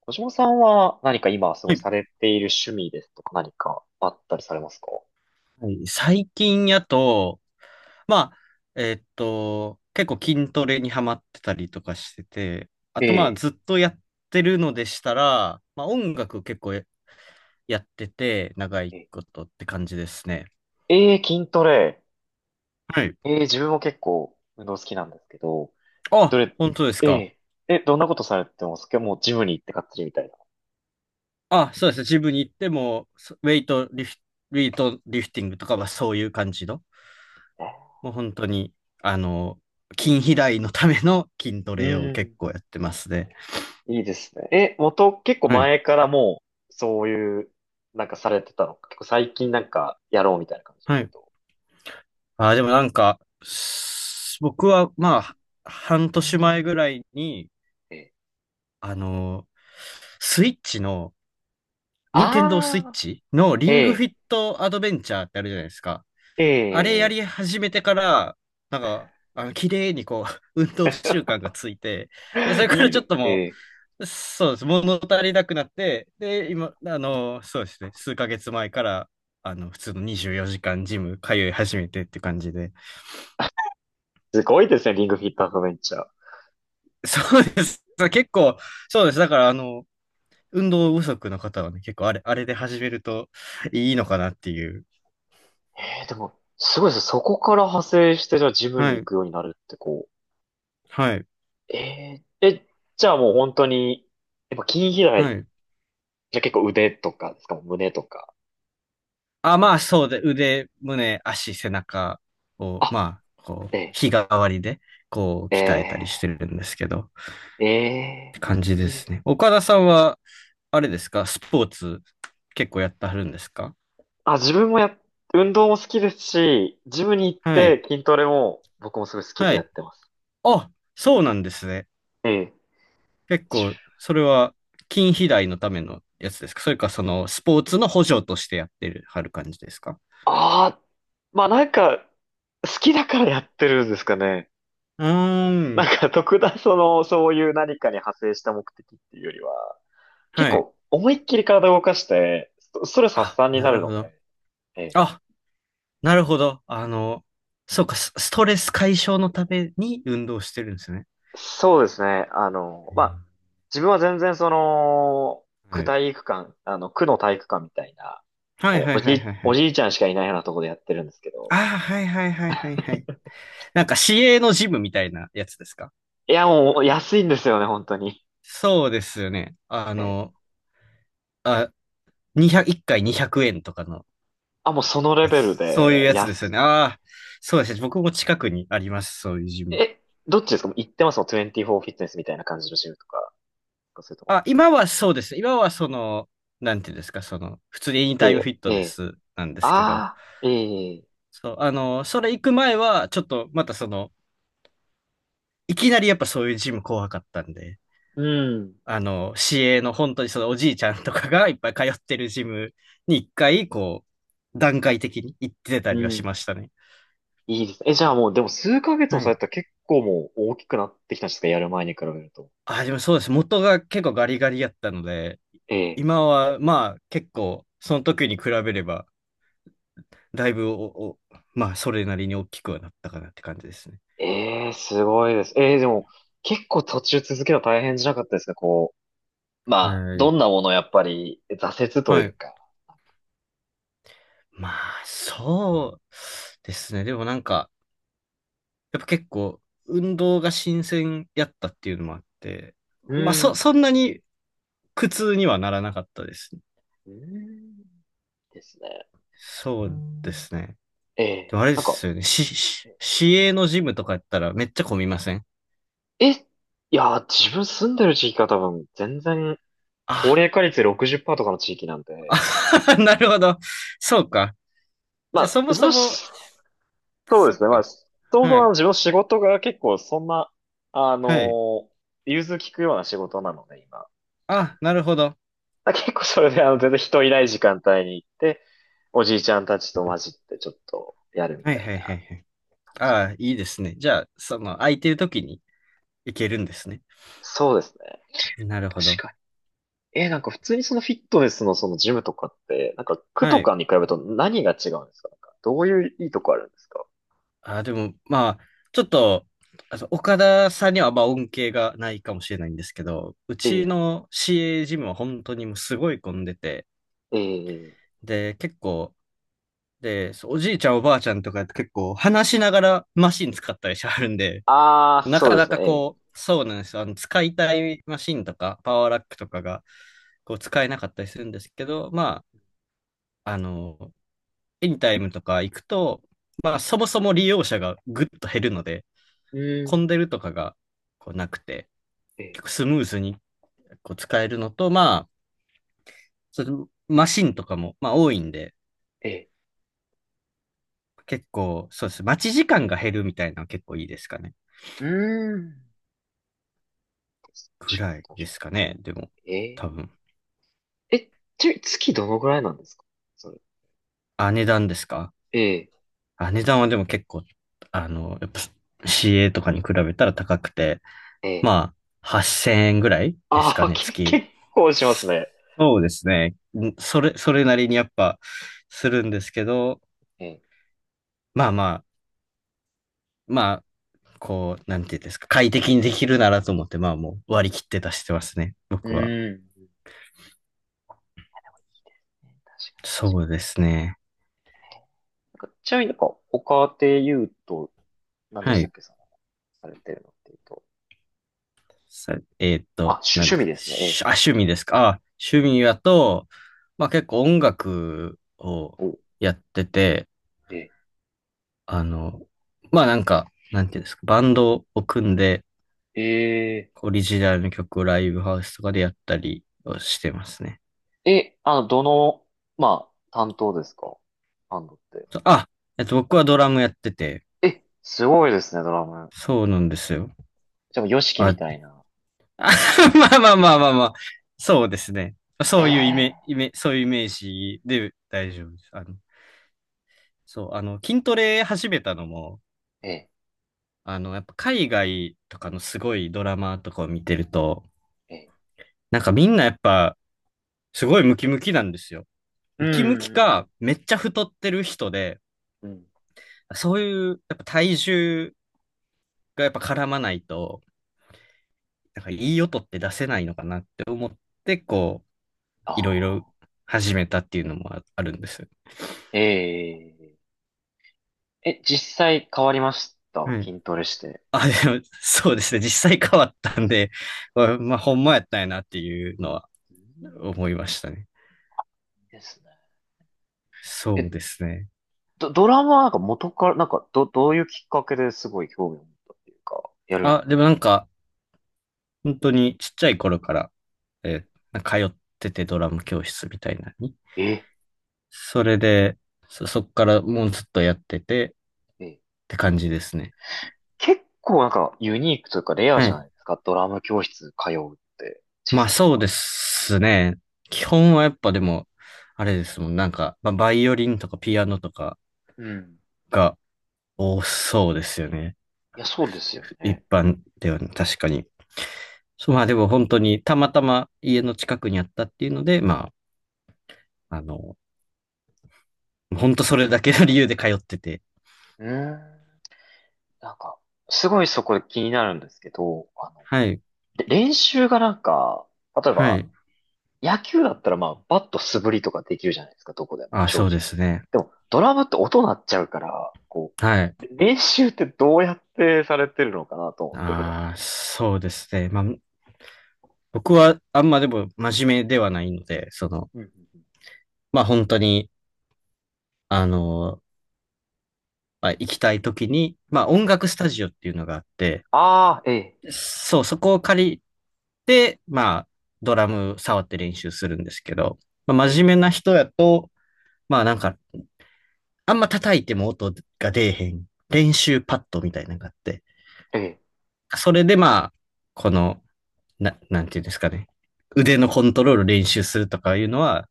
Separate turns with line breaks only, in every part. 小島さんは何か今す
は
ごい
い。
されている趣味ですとか何かあったりされますか？
はい。最近やと、まあ、結構筋トレにハマってたりとかしてて、あ
え
とまあ
え。
ずっとやってるのでしたら、まあ音楽結構やってて、長
え
い
え、
ことって感じですね。
ええ筋トレ。
はい。
ええ、自分も結構運動好きなんですけど、筋
あ、
トレ、
本当です
え
か。
え、どんなことされてますか？もうジムに行ってがっつりみたいな。
あ、そうですね。ジムに行っても、そウェイトリフ、ウェイトリフティングとかはそういう感じの、
ね。
もう本当に、あの、筋肥大のための筋ト
う
レを
ー
結
ん、
構やってますね。
いいですね。元、結構
はい。
前からもう、そういう、なんかされてたのか。結構最近なんかやろうみたいな感じで
は
言う
い。
と。
ああ、でもなんか、僕はまあ、半年前ぐらいに、
ええ。
あのースイッチの、任天堂スイッ
ああ、
チのリ
え
ングフ
え、
ィットアドベンチャーってあるじゃないですか。
え
あれや
え、
り始めてから、なんか、あの、綺麗にこう、運動習慣がついて、で、それか
い
ら
い
ちょ
で、
っとも
え
う、そうです、物足りなくなって、で、
え。
今、そうですね、数ヶ月前から、普通の24時間ジム通い始めてって感じで、
すごいですね、リングフィットアドベンチャー。
そうです。結構、そうです。だから、運動不足の方はね、結構あれで始めるといいのかなっていう。
でも、すごいですね。そこから派生して、じゃあジムに
は
行
い。
くようになるってこ
はい。
う。じゃあもう本当に、やっぱ筋肥
は
大、
い。
じゃあ結構腕とかですか、胸とか。
あ、まあ、そうで、腕、胸、足、背中を、
あ、
まあ、こう、
え
日替わりで、こ
ー、
う、鍛え
え
たりしてるんですけど、っ
ー、え
て感じ
い
で
いで
す
す。
ね。岡田さんは、あれですか、スポーツ、結構やってはるんですか？
あ、自分もや、運動も好きですし、ジムに行っ
は
て
い。
筋トレも僕もすごい好きで
は
や
い。
ってます。
あ、そうなんですね。
ええ。
結構、それは筋肥大のためのやつですか？それか、その、スポーツの補助としてやってる、はる感じですか？
ああ、まあなんか、好きだからやってるんですかね。
うー
な
ん。
んか特段その、そういう何かに派生した目的っていうよりは、結
はい。
構思いっきり体を動かして、ストレス発
あ、
散に
な
な
る
る
ほ
の
ど。
で、ええ、
あ、なるほど。そうか、ストレス解消のために運動してるんですね。
そうですね。あの、
う
まあ、
ん。
自分は全然その、区体育館、あの、区の体育館みたいな、
はいはいはいはいはいは
お
い。
じいちゃんしかいないようなところでやってるんですけ
あ
ど、
あ、はいはいはいはいはい。なんか市営のジムみたいなやつですか？
いや、もう安いんですよね、本当に。
そうですよね。
ええ、
あ、200、1回200円とかの
あ、もうそのレ
やつ。
ベル
そういう
で、
やつですよね。ああ、そうですね。僕も近くにあります。そういうジム。
え、どっちですか？もう行ってますもん、24フィットネスみたいな感じのジムとか、そういうとこ。
あ、今はそうです。今はなんていうんですか、普通にエニ
い
タイムフ
え
ィッ
い
ト
え
ネ
え、
スなんですけど、
ああ、ええ、
そう、それ行く前は、ちょっとまたいきなりやっぱそういうジム怖かったんで、
うん。
市営の本当にそのおじいちゃんとかがいっぱい通ってるジムに一回、こう、段階的に行ってた
う
りはしま
ん。
したね。
いいですね。え、じゃあもう、でも数ヶ月も
は
され
い。
たら結構もう大きくなってきたんですか？やる前に比べると。
あ、でもそうです。元が結構ガリガリやったので、
ええ、
今はまあ結構、その時に比べれば、だいぶおまあそれなりに大きくはなったかなって感じですね。
ええ、すごいです。ええ、でも、結構途中続けた大変じゃなかったですか？こう、まあ、
は
ど
い。
んなものやっぱり挫折と
は
いう
い。
か。
まあ、そうですね。でもなんか、やっぱ結構、運動が新鮮やったっていうのもあって、
う
まあ、
ん。
そんなに苦痛にはならなかったですね。
うんですね。
そうですね。
え
で
え、
もあれで
なんか、
すよね。市営のジムとかやったらめっちゃ混みません？
いやー、自分住んでる地域が多分、全然、高
あ
齢化率60%とかの地域なんで、
あ なるほど。そうか。
ま
じゃあ、
あ、
そも
自
そ
分
も、
そうで
そっ
すね。まあ、
か。
そもそ
は
もあの
い。
自分の仕事が結構そんな、あの
はい。
ー融通きくような仕事なので、今。
あ、なるほど。
だ結構それで、あの、全然人いない時間帯に行って、おじいちゃんたちと混じってちょっとやるみ
はい
たい
はいは
な
いはい。
感
あ
じで。
あ、いいですね。じゃあ、その、空いてる時に行けるんですね。
そうですね。
なるほど。
確かに。なんか普通にそのフィットネスのそのジムとかって、なんか区
は
とか
い。
に比べると何が違うんですか？なんかどういういいとこあるんですか？
あ、でも、まあ、ちょっと、岡田さんにはまあ恩恵がないかもしれないんですけど、う
え
ち
え、
の CA ジムは本当にもうすごい混んでて、
ええ、
で、結構、で、そうおじいちゃんおばあちゃんとか結構話しながらマシン使ったりしはるんで、
ああ、
な
そう
か
で
な
す
か
ね。
こう、そうなんですよ。あの、使いたいマシンとか、パワーラックとかが、こう、使えなかったりするんですけど、まあ、エニタイムとか行くと、まあ、そもそも利用者がぐっと減るので、
ええ、う
混ん
ん、
でるとかが、こう、なくて、
ええ、
結構スムーズに、こう、使えるのと、まあ、そのマシンとかも、まあ、多いんで、
ええ、
結構、そうです。待ち時間が減るみたいなのは結構いいですかね。
うーん。確
ぐ
か
ら
に
い
確
で
か
すかね。でも、
に。え
多分。
ええ、ちなみに月どのぐらいなんですか？それ。
あ、値段ですか？
ええ、
あ、値段はでも結構、やっぱ CA とかに比べたら高くて、
ええ。
まあ、8000円ぐらいです
あ
か
あ、
ね、月。
結構しますね。
そうですね。んそれ、それなりにやっぱするんですけど、
ええ。
まあまあ、まあ、こう、なんていうんですか、快適にできるならと思って、まあもう割り切って出してますね、
う
僕は。
ん。いいですね。確かに確
そう
か
ですね。
に。なんかちなみになんか、他で言うと、何で
は
したっ
い。
け、その、されてるのっていうと。
さ、
あ、
なん
趣
で
味
す
ですね。
しあ、趣味ですか。あ、
え
趣
え。
味やと、まあ結構音楽を
ええ。
やってて、
ええ。
あの、まあなんか、なんていうんですか、バンドを組んで、
え
オリジナルの曲をライブハウスとかでやったりをしてますね。
え。え、あの、どの、まあ、担当ですか？バンドって。
そうあ、僕はドラムやってて、
え、すごいですね、ドラム。
そうなんですよ。
じゃあ、ヨシキみ
あ、
た いな。
まあまあまあまあまあ、そうですね。
え
そういうイメ、イ
え。
メ、そういうイメージで大丈夫です。そう、筋トレ始めたのも、
ええ。
やっぱ海外とかのすごいドラマとかを見てると、
ええ。
なんかみんなやっぱすごいムキムキなんですよ。
う
ムキムキ
ん。
か、めっちゃ太ってる人で、
うん。
そういうやっぱ体重がやっぱ絡まないと、なんかいい音って出せないのかなって思って、こう、
あ
いろいろ
あ、
始めたっていうのもあるんです。
えええ、実際変わりました？
はい。
筋トレして。
あ、でも、そうですね。実際変わったんで、まあ、まあほんまやったんやなっていうのは
うん
思いましたね。
ですね。え、
そうですね。
ドラマはなんか元から、どういうきっかけですごい興味を持ったっていうか、やるようになっ
あ、
た
で
ん
も
で
な
す
ん
か？
か、本当にちっちゃい頃から、
え、
えー通っててドラム教室みたいなのに。
え、
それで、そっからもうずっとやっててっ
え、
て感じですね。
結構なんかユニークというかレア
は
じゃ
い。
ないですか、ドラム教室通うって、小
まあ
さい頃
そうで
か
すね。基本はやっぱでも、あれですもん。なんか、まあ、バイオリンとかピアノとか
ら。うん。
が多そうですよね。
いや、そうですよ
一
ね。
般ではね、確かに。そうまあでも本当にたまたま家の近くにあったっていうので、まあ、本当それだけの理由で通ってて。
うーん。なんか、すごいそこで気になるんですけど、あの、
はい。
で、練習がなんか、例え
は
ば、
い。
野球だったらまあ、バット素振りとかできるじゃないですか、どこでも、
あ、
正
そ
直。
うですね。
でも、ドラムって音鳴っちゃうから、こ
はい。
う、練習ってどうやってされてるのかなと思って、普段。
ああそうですね。まあ、僕はあんまでも真面目ではないので、その、
うんうんうん。
まあ本当に、あの、まあ、行きたい時に、まあ音
え、
楽スタジオっていうのがあって、
ああ、ええ、
そう、そこを借りて、まあドラム触って練習するんですけど、まあ、
え
真
え、
面目な人やと、まあなんか、あんま叩いても音が出えへん練習パッドみたいなのがあって、
え
それでまあ、この、なんていうんですかね。腕のコントロール練習するとかいうのは、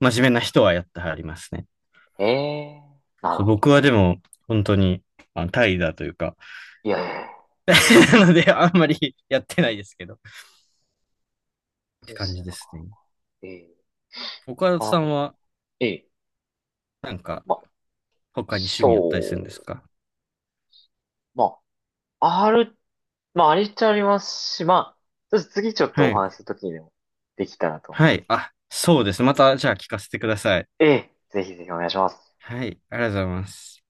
真面目な人はやってはりますね。
え、ええ、なる
そう
ほど、
僕
なる
はで
ほ
も、本当に、怠惰というか、
ど。いやいや、い
なので、あんまり やってないですけど、っ
い
て
で
感
す
じ
ね、
で
なんか、
すね。
ええ、
岡
な
田
かな
さ
か
ん
じゃ、
は、
ええ、
なんか、
まあ、
他に趣味やったりす
そ
るんです
う、
か？
まあ、ある、まあ、ありっちゃありますし、まあ、ちょっと次ちょっとお
はい。
話しするときにでもできたらと思い
は
ま
い。
す。
あ、そうです。また、じゃあ聞かせてください。
ええ、ぜひぜひお願いします。
はい。ありがとうございます。